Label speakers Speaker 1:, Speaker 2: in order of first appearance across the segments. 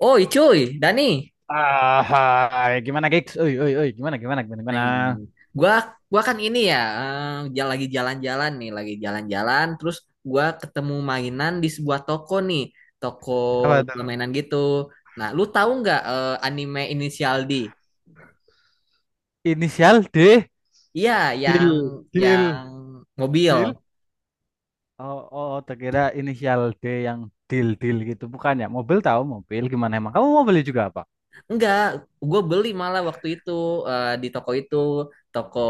Speaker 1: Oh, iya, cuy, Dani.
Speaker 2: Ah, gimana gigs? Oi, oi, oi, gimana, gimana, gimana,
Speaker 1: Nah,
Speaker 2: gimana?
Speaker 1: ini. gua gua kan ini ya, lagi jalan-jalan nih, lagi jalan-jalan terus gua ketemu mainan di sebuah toko nih, toko
Speaker 2: Apa tuh?
Speaker 1: permainan gitu. Nah, lu tahu nggak anime Inisial D?
Speaker 2: Inisial D,
Speaker 1: Iya, yang
Speaker 2: deal, deal,
Speaker 1: yang mobil.
Speaker 2: deal. Oh, oh, oh, terkira inisial D yang deal, deal gitu, bukan ya? Mobil tahu mobil gimana emang? Kamu mau beli juga apa?
Speaker 1: Enggak, gue beli malah waktu itu di toko itu, toko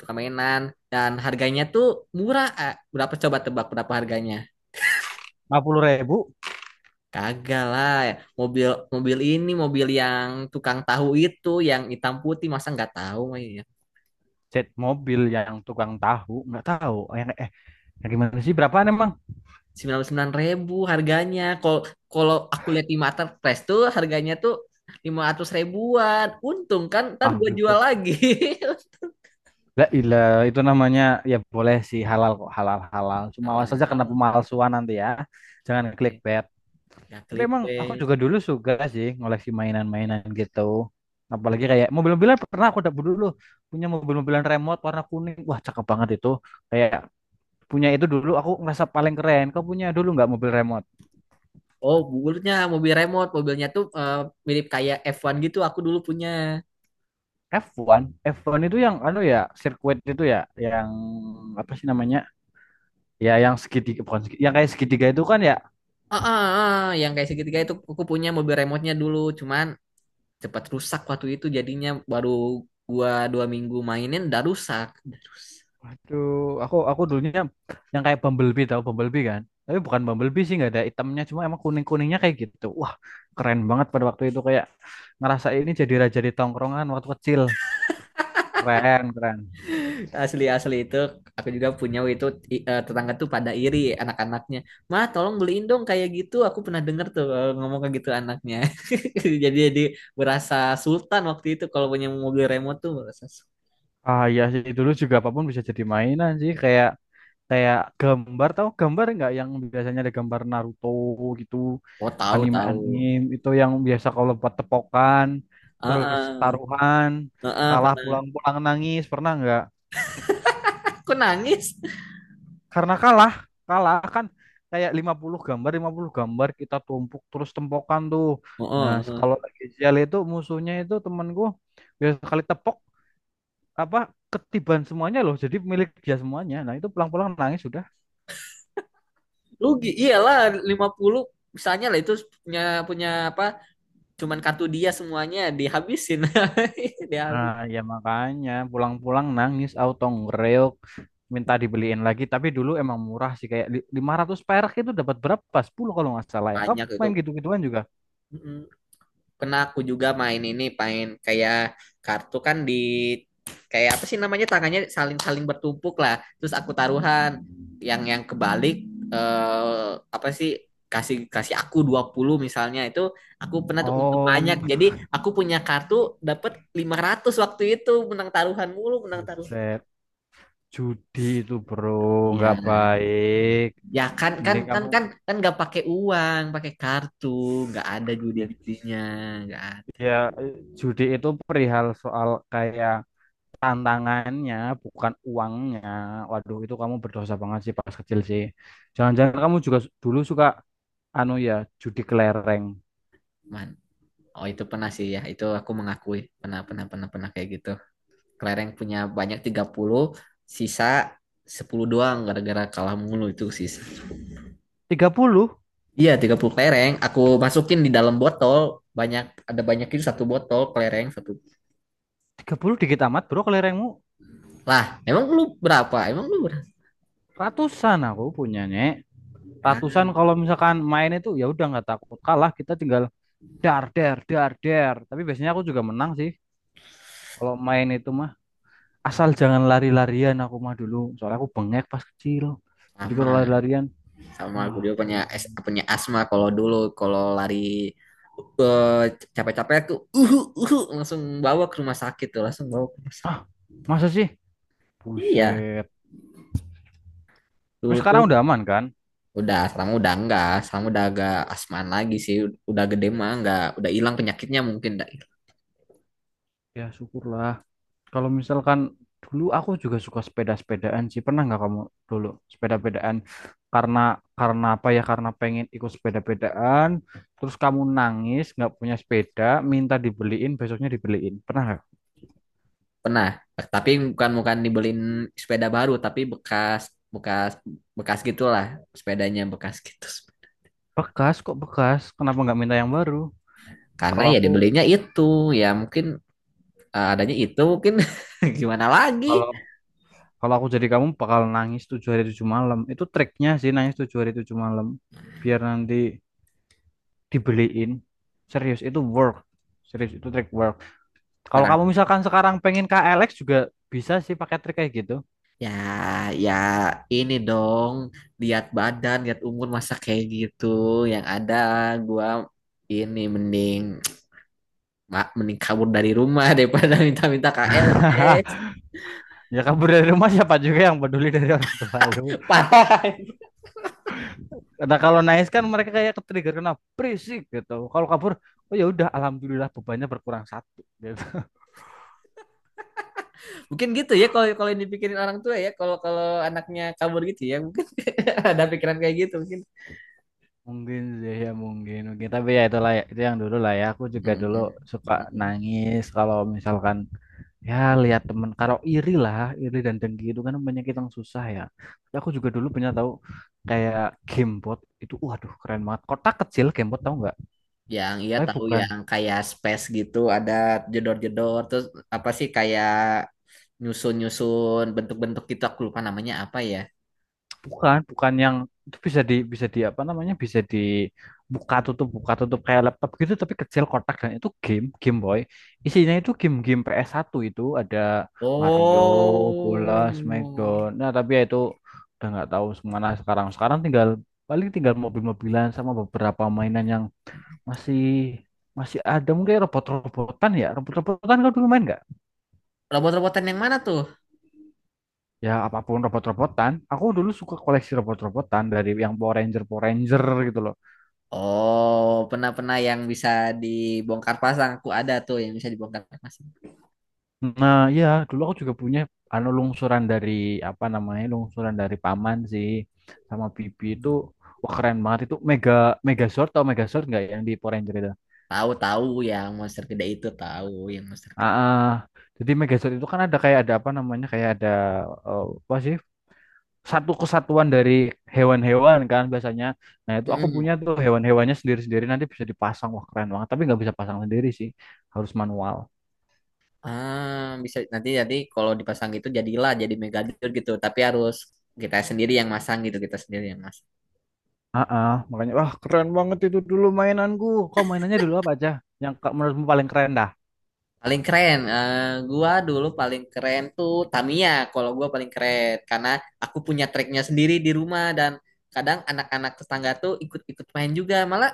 Speaker 1: permainan dan harganya tuh murah. Eh. Berapa coba tebak berapa harganya?
Speaker 2: 50 ribu,
Speaker 1: Kagak lah, mobil mobil ini mobil yang tukang tahu itu yang hitam putih masa nggak tahu mah ya.
Speaker 2: jet mobil yang tukang tahu nggak tahu. Oh, yang gimana sih? Berapaan emang?
Speaker 1: 99.000 harganya. Kalau kalau aku lihat di Marketplace tuh harganya tuh 500 ribuan. Untung kan ntar
Speaker 2: Ah,
Speaker 1: gue jual
Speaker 2: buset.
Speaker 1: lagi.
Speaker 2: La ilah, itu namanya ya boleh sih halal kok halal halal. Cuma awas
Speaker 1: Halal
Speaker 2: saja kena
Speaker 1: halal.
Speaker 2: pemalsuan nanti ya. Jangan klik.
Speaker 1: Eh, nggak
Speaker 2: Tapi emang aku
Speaker 1: clickbait.
Speaker 2: juga dulu suka sih ngoleksi mainan-mainan gitu. Apalagi kayak mobil-mobilan, pernah aku dapat dulu punya mobil-mobilan remote warna kuning. Wah, cakep banget itu. Kayak punya itu dulu aku ngerasa paling keren. Kau punya dulu nggak mobil remote?
Speaker 1: Oh, mobilnya mobil remote, mobilnya tuh mirip kayak F1 gitu aku dulu punya.
Speaker 2: F1, F1 itu yang anu ya, sirkuit itu ya, yang apa sih namanya? Ya yang segitiga, bukan segitiga, yang kayak segitiga itu kan ya.
Speaker 1: Ah, ah, ah, yang kayak segitiga itu aku punya mobil remote-nya dulu, cuman cepat rusak waktu itu jadinya baru gua 2 minggu mainin udah rusak.
Speaker 2: Waduh, aku dulunya yang kayak Bumblebee, tau Bumblebee kan? Tapi bukan Bumblebee sih, nggak ada itemnya, cuma emang kuning-kuningnya kayak gitu. Wah, keren banget pada waktu itu, kayak ngerasa ini jadi raja di tongkrongan waktu kecil. Keren, keren.
Speaker 1: Asli asli itu aku juga punya itu tetangga tuh pada iri anak-anaknya mah tolong beliin dong kayak gitu aku pernah denger tuh ngomong kayak gitu anaknya. Jadi berasa sultan waktu itu kalau punya mobil remote tuh berasa
Speaker 2: Ah iya sih, dulu juga apapun bisa jadi mainan sih, kayak kayak gambar, tau gambar nggak, yang biasanya ada gambar Naruto gitu,
Speaker 1: Oh, tahu tahu.
Speaker 2: anime-anime itu yang biasa kalau buat tepokan, terus
Speaker 1: Heeh,
Speaker 2: taruhan,
Speaker 1: heeh,
Speaker 2: kalah
Speaker 1: pernah.
Speaker 2: pulang-pulang nangis, pernah nggak?
Speaker 1: Aku nangis.
Speaker 2: Karena kalah, kalah kan kayak 50 gambar 50 gambar kita tumpuk terus tempokan tuh. Nah
Speaker 1: Heeh.
Speaker 2: kalau lagi sial itu, musuhnya itu temanku, biasa kali tepok, apa, ketiban semuanya loh, jadi milik dia semuanya. Nah itu pulang-pulang nangis sudah.
Speaker 1: Rugi, iyalah 50 misalnya lah itu punya punya apa cuman kartu dia semuanya dihabisin
Speaker 2: Nah
Speaker 1: dihabis
Speaker 2: ya makanya pulang-pulang nangis auto ngereok, minta dibeliin lagi. Tapi dulu emang murah sih, kayak 500 perak itu dapat berapa, 10 kalau nggak salah. Ya, kamu
Speaker 1: banyak itu.
Speaker 2: main gitu-gituan juga?
Speaker 1: Mm, Kena aku juga main ini main kayak kartu kan di kayak apa sih namanya tangannya saling saling bertumpuk lah terus aku taruhan yang kebalik eh, apa sih kasih kasih aku 20 misalnya itu aku pernah tuh untuk
Speaker 2: Oh,
Speaker 1: banyak jadi aku punya kartu dapat 500 waktu itu menang taruhan mulu menang taruhan.
Speaker 2: buset. Judi itu bro, nggak
Speaker 1: Iya.
Speaker 2: baik.
Speaker 1: Ya kan kan
Speaker 2: Mending
Speaker 1: kan
Speaker 2: kamu,
Speaker 1: kan kan nggak pakai uang, pakai kartu, nggak ada
Speaker 2: ya,
Speaker 1: judi-judinya, nggak ada.
Speaker 2: ya, judi itu perihal soal kayak tantangannya, bukan uangnya. Waduh, itu kamu berdosa banget sih pas kecil sih. Jangan-jangan kamu juga dulu suka anu ya, judi kelereng.
Speaker 1: Man. Oh itu pernah sih ya, itu aku mengakui pernah pernah pernah pernah kayak gitu. Kelereng punya banyak 30 sisa 10 doang gara-gara kalah mulu itu sisa.
Speaker 2: 30.
Speaker 1: Iya 30 kelereng, aku masukin di dalam botol, banyak ada banyak itu satu botol kelereng satu.
Speaker 2: 30 dikit amat bro kelerengmu.
Speaker 1: Lah, emang lu berapa? Emang lu berapa?
Speaker 2: Ratusan aku punyanya.
Speaker 1: Ya,
Speaker 2: Ratusan, kalau misalkan main itu ya udah nggak takut kalah, kita tinggal dar der dar der. Tapi biasanya aku juga menang sih. Kalau main itu mah asal jangan lari-larian aku mah dulu. Soalnya aku bengek pas kecil. Jadi kalau
Speaker 1: sama.
Speaker 2: lari-larian,
Speaker 1: Sama aku
Speaker 2: ah,
Speaker 1: juga
Speaker 2: ya
Speaker 1: punya
Speaker 2: ampun.
Speaker 1: punya asma kalau dulu kalau lari eh, capek-capek aku uhu uhu langsung bawa ke rumah sakit tuh langsung bawa ke
Speaker 2: Ah, masa sih?
Speaker 1: iya
Speaker 2: Buset. Tapi
Speaker 1: dulu tuh
Speaker 2: sekarang udah aman kan?
Speaker 1: udah sekarang udah enggak sekarang udah agak asmaan lagi sih udah gede mah enggak udah hilang penyakitnya mungkin enggak hilang.
Speaker 2: Ya syukurlah. Kalau misalkan dulu aku juga suka sepeda-sepedaan sih. Pernah nggak kamu dulu sepeda-pedaan? Karena karena apa ya? Karena pengen ikut sepeda-pedaan. Terus kamu nangis nggak punya sepeda, minta dibeliin, besoknya dibeliin. Pernah nggak?
Speaker 1: Pernah tapi bukan bukan dibeliin sepeda baru tapi bekas bekas bekas gitulah sepedanya bekas gitu
Speaker 2: Bekas kok bekas. Kenapa nggak minta yang baru?
Speaker 1: karena
Speaker 2: Kalau
Speaker 1: ya
Speaker 2: aku
Speaker 1: dibelinya itu ya mungkin adanya itu mungkin gimana lagi
Speaker 2: kalau Kalau aku jadi kamu bakal nangis 7 hari 7 malam. Itu triknya sih, nangis 7 hari 7 malam. Biar nanti dibeliin. Serius itu work. Serius itu trik work. Kalau
Speaker 1: barang.
Speaker 2: kamu misalkan sekarang pengen ke Alex juga, bisa sih pakai trik kayak gitu.
Speaker 1: Ya, ya ini dong, lihat badan, lihat umur masa kayak gitu. Yang ada gua ini mending mending kabur dari rumah daripada minta-minta KLX.
Speaker 2: Ya kabur dari rumah, siapa juga yang peduli, dari orang tua lu.
Speaker 1: Parah.
Speaker 2: Nah kalau nangis kan mereka kayak ke-trigger, kena berisik gitu. Kalau kabur, oh ya udah, alhamdulillah bebannya berkurang satu gitu.
Speaker 1: Mungkin gitu ya kalau kalau yang dipikirin orang tua ya, kalau kalau anaknya kabur gitu ya, mungkin ada pikiran kayak gitu mungkin.
Speaker 2: Mungkin sih ya, mungkin mungkin, tapi ya itulah, ya itu yang dulu lah ya, aku juga
Speaker 1: Mm,
Speaker 2: dulu
Speaker 1: mm,
Speaker 2: suka
Speaker 1: mm, mm.
Speaker 2: nangis kalau misalkan ya lihat temen, kalau iri lah, iri dan dengki itu kan penyakit yang susah ya. Tapi aku juga dulu punya tahu, kayak gamebot itu, waduh keren banget, kotak kecil, gamebot tahu nggak?
Speaker 1: Yang iya
Speaker 2: Tapi
Speaker 1: tahu
Speaker 2: bukan,
Speaker 1: yang kayak space gitu ada jedor-jedor terus apa sih kayak nyusun-nyusun bentuk-bentuk gitu aku lupa namanya apa ya.
Speaker 2: bukan bukan yang itu, bisa di apa namanya, bisa dibuka tutup buka tutup kayak laptop gitu, tapi kecil kotak, dan itu game Game Boy, isinya itu game-game ps satu, itu ada Mario, bola,
Speaker 1: Oh.
Speaker 2: Smackdown. Nah tapi ya itu udah nggak tahu kemana sekarang, sekarang tinggal paling tinggal mobil-mobilan sama beberapa mainan yang masih masih ada. Mungkin robot-robotan, ya robot-robotan, kau dulu main nggak?
Speaker 1: Robot-robotan yang mana tuh?
Speaker 2: Ya apapun robot-robotan, aku dulu suka koleksi robot-robotan, dari yang Power Ranger, Power Ranger gitu loh.
Speaker 1: Oh, pernah-pernah yang bisa dibongkar pasang. Aku ada tuh yang bisa dibongkar pasang.
Speaker 2: Nah, ya dulu aku juga punya anu lungsuran dari, apa namanya, lungsuran dari paman sih sama bibi itu. Wah keren banget itu, megazord, atau megazord nggak, yang di Power Ranger itu?
Speaker 1: Tahu-tahu yang monster gede itu tahu yang monster.
Speaker 2: Ah, ah. Jadi megazord itu kan ada kayak ada, apa namanya, kayak ada, apa sih, satu kesatuan dari hewan-hewan kan biasanya. Nah itu aku
Speaker 1: Mm-mm.
Speaker 2: punya tuh, hewan-hewannya sendiri-sendiri, nanti bisa dipasang, wah keren banget, tapi nggak bisa pasang sendiri sih, harus manual.
Speaker 1: Ah, bisa nanti jadi kalau dipasang gitu jadilah jadi megadir gitu, tapi harus kita sendiri yang mas. Yang mas.
Speaker 2: Ah, makanya wah keren banget itu dulu mainanku. Kok mainannya dulu apa aja? Yang menurutmu paling keren?
Speaker 1: Keren keren Tamiya kalau gue paling keren karena punya temennya sendiri di rumah dan kadang anak-anak tetangga tuh ikut-ikut main juga malah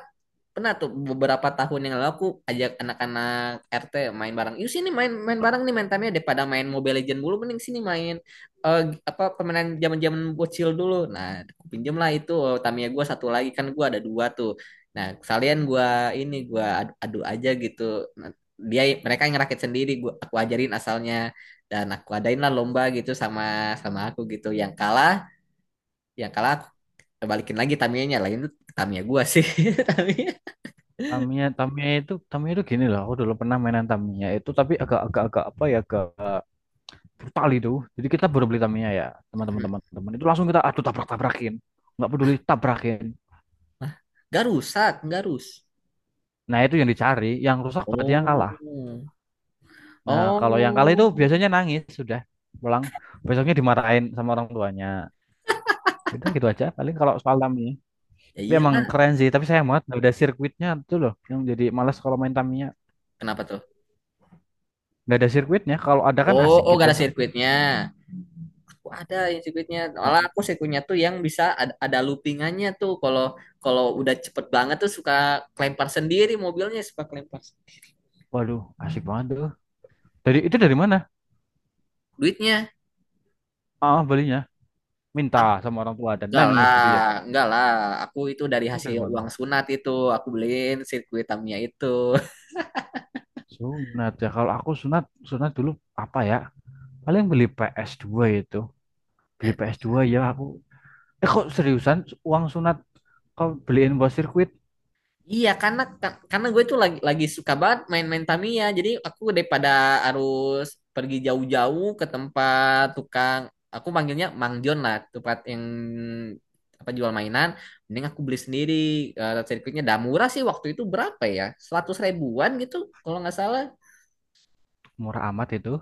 Speaker 1: pernah tuh beberapa tahun yang lalu aku ajak anak-anak RT main bareng. Yuk sini main main bareng nih main tamnya daripada main Mobile Legend dulu mending sini main eh, apa permainan zaman-zaman bocil dulu. Nah, aku pinjem lah itu Tamiya gua satu lagi kan gue ada dua tuh. Nah, sekalian gue ini gue adu, adu aja gitu. Nah, dia mereka yang ngerakit sendiri gua aku ajarin asalnya dan aku adain lah lomba gitu sama sama aku gitu. Yang kalah, aku balikin lagi nya lah itu Tamiya gue sih. Tamiya.
Speaker 2: Tamiya itu gini loh. Aku dulu pernah mainan Tamiya itu, tapi agak-agak, agak apa ya, agak brutal itu. Jadi kita baru beli Tamiya ya, teman-teman. Itu langsung kita aduh tabrak-tabrakin, nggak peduli tabrakin.
Speaker 1: Gak rusak, gak rus.
Speaker 2: Nah itu yang dicari, yang rusak berarti yang kalah.
Speaker 1: Oh,
Speaker 2: Nah kalau yang kalah itu
Speaker 1: oh,
Speaker 2: biasanya nangis, sudah pulang. Besoknya dimarahin sama orang tuanya. Udah gitu aja. Paling kalau soal Tamiya.
Speaker 1: ya
Speaker 2: Tapi emang
Speaker 1: iyalah.
Speaker 2: keren sih, tapi sayang banget nggak ada sirkuitnya tuh loh. Yang jadi malas kalau main Tamiya.
Speaker 1: Kenapa tuh?
Speaker 2: Nggak ada sirkuitnya, kalau ada kan
Speaker 1: Oh,
Speaker 2: asik
Speaker 1: oh, gak
Speaker 2: gitu.
Speaker 1: ada sirkuitnya. Aku ada yang sirkuitnya.
Speaker 2: Ah,
Speaker 1: Malah aku sirkuitnya tuh yang bisa ada, loopingannya tuh. Kalau kalau udah cepet banget tuh suka kelempar sendiri mobilnya, suka kelempar
Speaker 2: waduh, asik banget tuh. Dari
Speaker 1: sendiri.
Speaker 2: itu dari mana?
Speaker 1: Duitnya,
Speaker 2: Ah, belinya minta
Speaker 1: ah,
Speaker 2: sama orang tua dan
Speaker 1: enggak
Speaker 2: nangis
Speaker 1: lah,
Speaker 2: gitu ya.
Speaker 1: enggak lah. Aku itu dari
Speaker 2: Itu dari
Speaker 1: hasil
Speaker 2: mana?
Speaker 1: uang sunat itu, aku beliin sirkuit Tamiya itu.
Speaker 2: Sunat ya. Kalau aku sunat, dulu apa ya? Paling beli PS2 itu. Beli
Speaker 1: Eh,
Speaker 2: ps dua ya aku. Eh kok seriusan, uang sunat kau beliin buat sirkuit?
Speaker 1: Iya, karena karena gue tuh lagi suka banget main-main Tamiya. Jadi aku daripada harus pergi jauh-jauh ke tempat tukang, aku manggilnya Mang Jon lah, tempat yang apa jual mainan. Mending aku beli sendiri. Sirkuitnya dah murah sih waktu itu berapa ya? 100 ribuan gitu kalau nggak salah.
Speaker 2: Murah amat itu.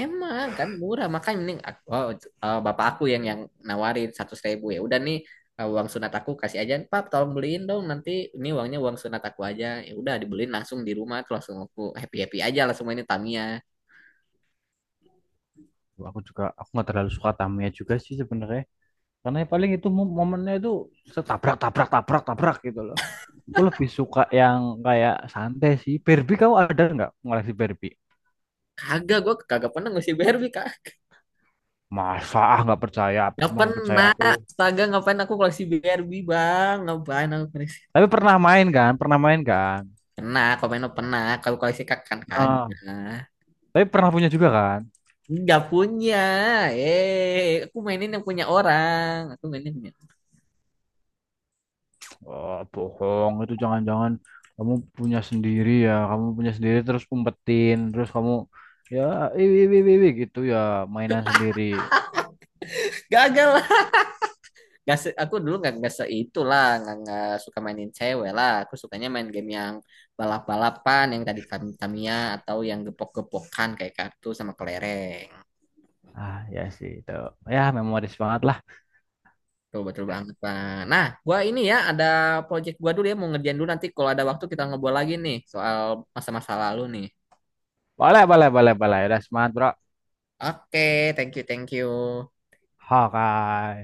Speaker 1: Emang kan murah makanya mending aku, oh, bapak aku yang nawarin 100.000 ya udah nih uang sunat aku kasih aja Pap tolong beliin dong nanti ini uangnya uang sunat aku aja ya udah dibeliin langsung di rumah tuh langsung aku happy happy aja langsung mainin Tamiya
Speaker 2: Aku juga aku nggak terlalu suka Tamiya juga sih sebenarnya. Karena ya paling itu momennya itu setabrak tabrak tabrak tabrak gitu loh. Aku lebih suka yang kayak santai sih. Barbie, kau ada nggak ngoleksi Barbie?
Speaker 1: kagak gue, kagak pernah ngoleksi Barbie kak
Speaker 2: Masa, ah nggak percaya,
Speaker 1: nggak
Speaker 2: emang nggak percaya
Speaker 1: pernah
Speaker 2: aku.
Speaker 1: astaga ngapain aku koleksi Barbie bang ngapain aku koleksi
Speaker 2: Tapi pernah main kan, pernah main kan.
Speaker 1: pernah kalau main mah pernah kalau koleksi kak kan
Speaker 2: Nah,
Speaker 1: kagak
Speaker 2: tapi pernah punya juga kan.
Speaker 1: nggak punya aku mainin yang punya orang aku mainin yang punya
Speaker 2: Oh, bohong itu, jangan-jangan kamu punya sendiri ya, kamu punya sendiri terus umpetin, terus kamu ya iwi iwi iwi iwi gitu ya, mainan sendiri.
Speaker 1: gagal Gak aku dulu nggak se itulah nggak suka mainin cewek lah aku sukanya main game yang balap balapan yang tadi Tamiya atau yang gepok gepokan kayak kartu sama kelereng
Speaker 2: Ah ya sih itu, ya memoris banget lah.
Speaker 1: tuh betul banget pak nah gua ini ya ada project gua dulu ya mau ngerjain dulu nanti kalau ada waktu kita ngobrol lagi nih soal masa-masa lalu nih
Speaker 2: Boleh, boleh, boleh, boleh. Udah semangat, bro.
Speaker 1: oke thank you
Speaker 2: Hawkeye.